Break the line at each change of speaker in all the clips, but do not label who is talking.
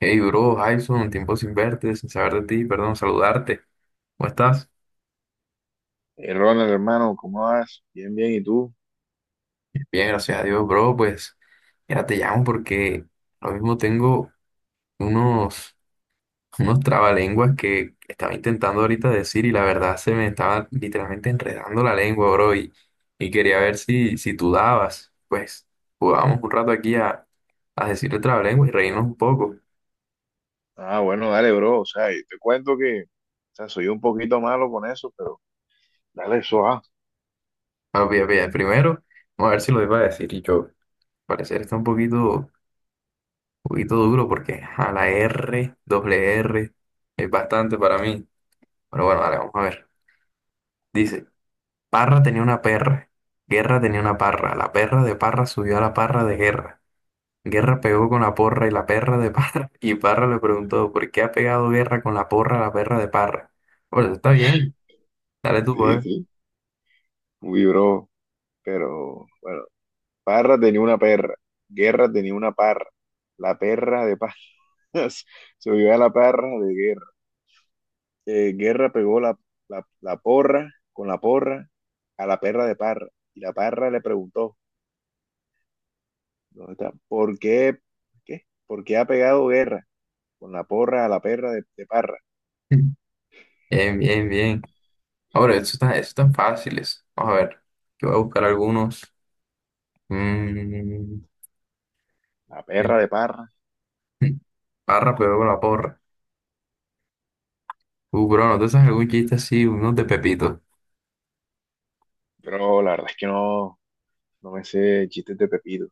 Hey, bro, Jason, tiempo sin verte, sin saber de ti, perdón, saludarte. ¿Cómo estás?
Ronald, hermano, ¿cómo vas? Bien, bien, ¿y tú?
Bien, gracias a Dios, bro. Pues, mira, te llamo porque lo mismo tengo unos, unos trabalenguas que estaba intentando ahorita decir y la verdad se me estaba literalmente enredando la lengua, bro. Y quería ver si tú dabas. Pues, jugábamos un rato aquí a decir el trabalenguas y reírnos un poco.
Ah, bueno, dale, bro. O sea, y te cuento que, o sea, soy un poquito malo con eso, pero dale eso, ah.
Bueno, pilla, pilla, primero, vamos a ver si lo iba a decir y yo. Al parecer está un poquito duro porque a la R, doble R, es bastante para mí. Pero bueno, vale, vamos a ver. Dice, Parra tenía una perra, Guerra tenía una parra, la perra de Parra subió a la parra de Guerra. Guerra pegó con la porra y la perra de Parra, y Parra le preguntó, ¿por qué ha pegado Guerra con la porra a la perra de Parra? Bueno, está bien, dale tú, pues.
Sí, sí. Uy, bro. Pero, bueno, Parra tenía una perra. Guerra tenía una parra. La perra de paz. Se vio a la perra de guerra. Guerra pegó la porra con la porra a la perra de parra. Y la parra le preguntó, ¿dónde está? ¿Por qué? ¿Qué? ¿Por qué ha pegado guerra con la porra, la perra de Parra,
Bien, bien, bien. Ahora, eso están fáciles. Vamos a ver, yo voy a buscar algunos. Mm,
la perra
bien.
de Parra?
Parra pegó con la porra. Bro, ¿no te sabes algún chiste así? Unos de Pepito.
Pero la verdad es que no, no me sé chistes de Pepito,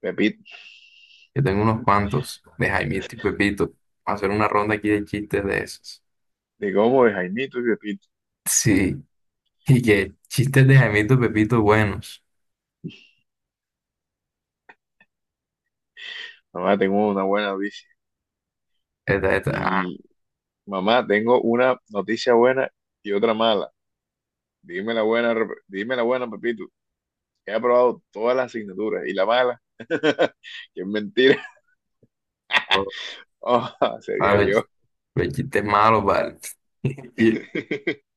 Pepito,
Yo tengo unos cuantos de Jaimito y Pepito. Vamos a hacer una ronda aquí de chistes de esos.
de cómo de Jaimito y Pepito.
Sí, y que chistes de Jaimito y Pepito buenos.
Mamá, tengo una buena noticia.
Esta, esta, ah,
Y mamá, tengo una noticia buena y otra mala. Dime la buena, dime la buena, Pepito, que he aprobado todas las asignaturas. Y la mala, que es mentira.
no.
Oh,
Ah,
sería yo.
los chistes malos, vale. Y,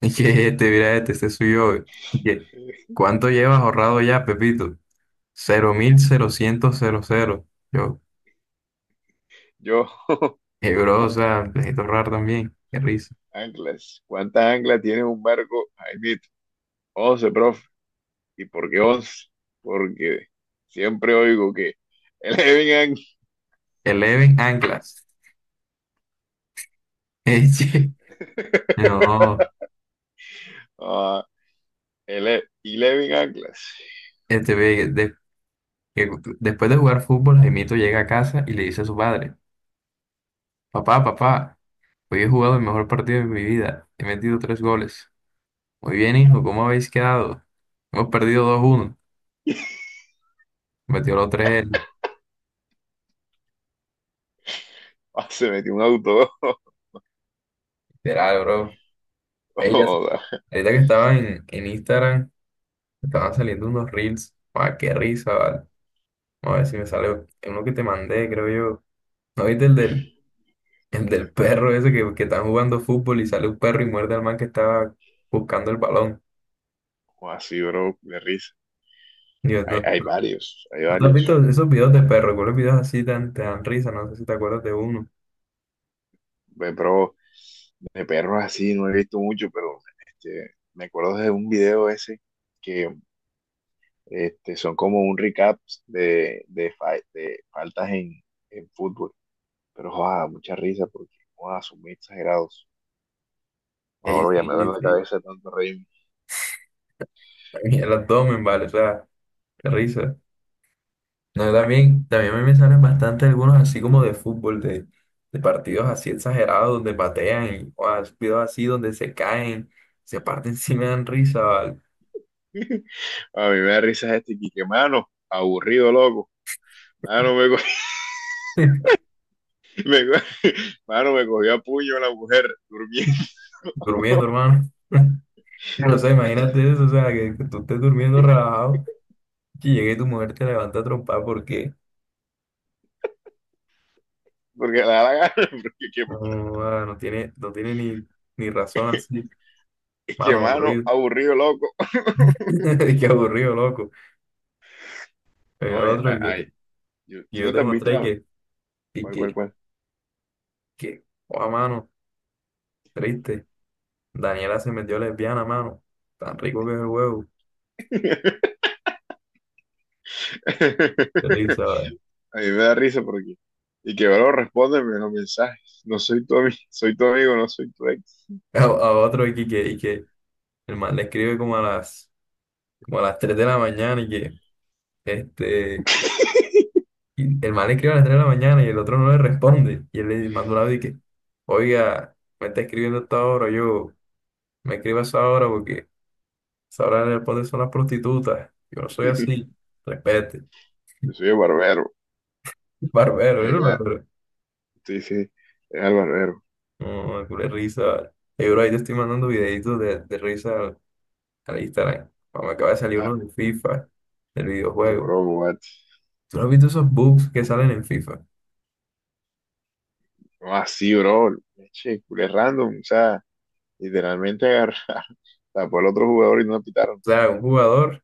y que este, mira este, este soy yo. Y que, ¿cuánto llevas ahorrado ya, Pepito? Cero mil cero cerocientos cero cero. Yo,
Yo.
bro, o sea, necesito ahorrar también. Qué risa.
Anclas. ¿Cuántas anclas tiene un barco, Jaimito? Once, profe. ¿Y porque once? Porque siempre oigo que Eleven,
Eleven anclas. Che, no.
uh, Eleven Anclas.
Este, que después de jugar fútbol, Jaimito llega a casa y le dice a su padre, papá, papá, hoy he jugado el mejor partido de mi vida, he metido tres goles. Muy bien, hijo, ¿cómo habéis quedado? Hemos perdido 2-1, metió los tres él.
Ah, se metió un auto.
Literal, bro. Ellas,
O sea,
ahorita que estaba en Instagram, estaban saliendo unos reels, ah, qué risa, vale. Vamos a ver si me sale uno que te mandé, creo yo. ¿No viste el del perro ese que están jugando fútbol y sale un perro y muerde al man que estaba buscando el balón?
así, bro, de risa.
Dios,
Hay varios, hay
¿no te has visto
varios.
esos videos de perros? ¿Cuáles videos así tan, te dan risa? No sé si te acuerdas de uno.
Pero de perros así no he visto mucho, pero me acuerdo de un video ese que son como un recap de, de faltas en fútbol. Pero, joda, mucha risa porque, joda, son muy exagerados.
Ey,
Ahora ya
sí,
me duele la
sí.
cabeza de tanto reírme.
Y el abdomen, vale, o sea, qué risa. No, también a mí me salen bastante algunos así como de fútbol, de partidos así exagerados donde patean y o, videos así donde se caen, se parten, sí me dan risa, vale.
A mí me da risa este Quique, mano, aburrido, loco. Mano, me cogió, me cogió- mano, me cogió a puño la mujer durmiendo.
Durmiendo, hermano. No sé, imagínate eso, o sea, que tú estés durmiendo relajado y llegue tu mujer te levanta a trompar porque
Porque le da la gana, porque qué,
no, ah, no tiene ni razón así.
que,
Mano,
mano,
aburrido.
aburrido, loco.
Qué aburrido, loco.
No, ay,
Otro el que
ay, yo, tú
yo
no
te
te has visto
mostré
la-
que, y
cuál, cuál,
que,
cuál.
que, oh, mano, triste. Daniela se metió lesbiana, mano. Tan rico que es el huevo. Qué risa, ¿sabes?
A mí me da risa porque. Y que bueno, respóndeme los mensajes. No soy tu amigo, soy tu amigo, no soy tu ex.
A otro y que el man le escribe como a las 3 de la mañana este, y el man le escribe a las 3 de la mañana y el otro no le responde. Y él le manda un audio y que, oiga, me está escribiendo hasta ahora, yo me escribo a esa hora porque sabrá le pones una prostituta. Yo no soy así. Respete.
Yo soy el barbero. A
Barbero,
mí
¿eres
me da,
barbero?
sí, sí, es el barbero.
No, culé risa, vale. Ey, bro, ahí te estoy mandando videitos de risa al Instagram. Ah, me acaba de salir
Ah,
uno de FIFA, del
qué
videojuego.
bro, what?
¿Tú no has visto esos bugs que salen en FIFA? O
No, así, bro. Che, culé random. O sea, literalmente agarrar, tapó al otro jugador y no lo pitaron.
sea, un jugador,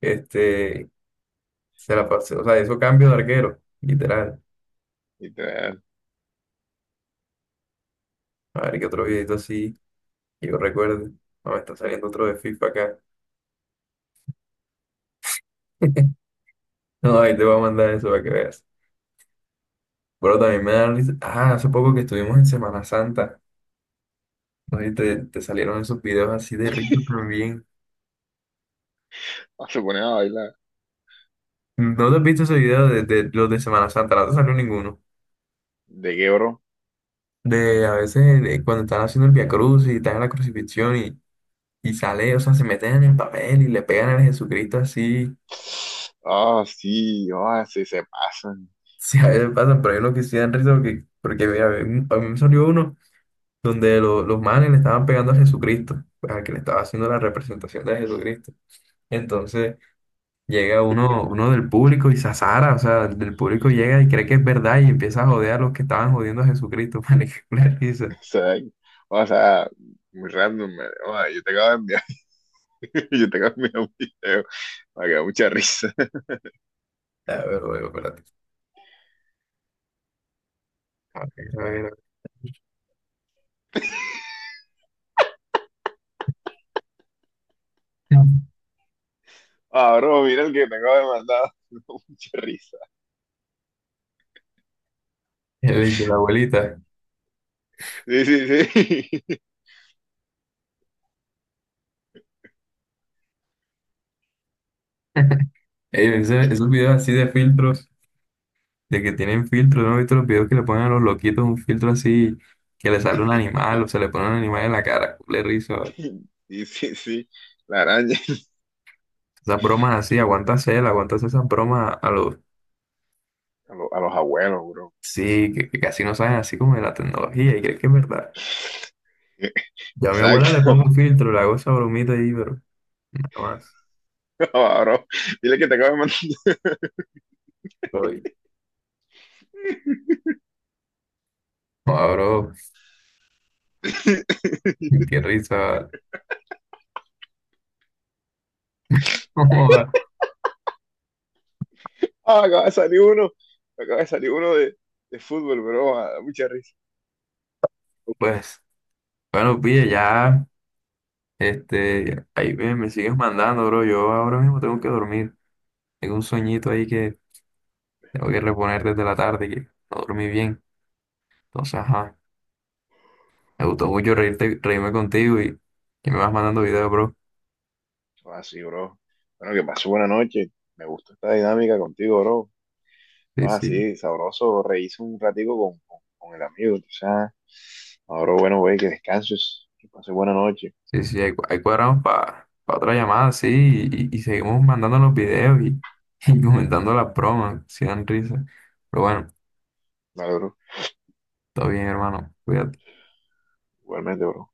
este, se la pasó, o sea, hizo cambio de arquero, literal.
Literal.
A ver qué otro videito así, que yo recuerde. No, me está saliendo otro de FIFA acá. No, ahí te voy a mandar eso para que veas. Bueno también me da risa. Ah, hace poco que estuvimos en Semana Santa, ¿no? Y te salieron esos videos así de risa también.
Ah, se ponen a bailar.
¿No te has visto ese video de los de Semana Santa? No te salió ninguno.
¿De qué, bro?
De a veces de cuando están haciendo el Via Cruz y están en la crucifixión y sale, o sea, se meten en el papel y le pegan a Jesucristo así.
Ah, sí, ah, sí, se pasan.
Sí, a veces pasan, pero hay unos que sí dan risa porque, porque mira, a mí me salió uno donde los manes le estaban pegando a Jesucristo, al que le estaba haciendo la representación de Jesucristo. Entonces, llega uno, uno del público y se azara, o sea, el del público llega y cree que es verdad y empieza a joder a los que estaban jodiendo a Jesucristo, marica, una
O
risa.
sea, o sea, muy random, man. Ah, yo te acabo de enviar, yo te acabo de enviar un video. Me quedó mucha risa.
A ver, luego, espérate. A ver, a ver, a ver.
Ah, bro, mira el que te acabo de mandar. Me dio mucha risa.
¿Qué le dice la abuelita?
Sí, sí, sí.
Ey, esos videos así de filtros, de que tienen filtros, ¿no he visto los videos que le ponen a los loquitos un filtro así, que le sale un animal o se le pone un animal en la cara? Le rizo.
Sí, sí, sí. La araña.
Esas bromas así, aguántasela, aguántasela esas bromas a los...
A los abuelos, bro.
Sí, que casi no saben así como de la tecnología y creen que es verdad. Yo a mi abuela le pongo
Exacto.
un filtro, le hago esa bromita ahí, pero nada más.
No, bro. Dile que te acaba de mandar.
Voy. Joda, bro, qué risa. No joda.
Ah, acaba de salir uno. Acaba de salir uno de fútbol, bro. Ah, da mucha risa.
Pues, bueno, pille, ya, este, ahí me sigues mandando, bro. Yo ahora mismo tengo que dormir. Tengo un sueñito ahí que tengo que reponer desde la tarde, que no dormí bien. Entonces, ajá, me gustó mucho reírte, reírme contigo y que me vas mandando videos, bro.
Ah, sí, bro. Bueno, que pasó buena noche. Me gustó esta dinámica contigo, bro.
Sí,
Ah,
sí.
sí, sabroso. Reíse un ratico con el amigo. O sea, ahora, bueno, güey, que descanses. Que pases buena noche.
Sí, sí, ahí, ahí cuadramos para otra llamada, sí, y seguimos mandando los videos y comentando las bromas, si dan risa. Pero bueno,
Vale, bro.
todo bien, hermano. Cuídate.
Igualmente, bro.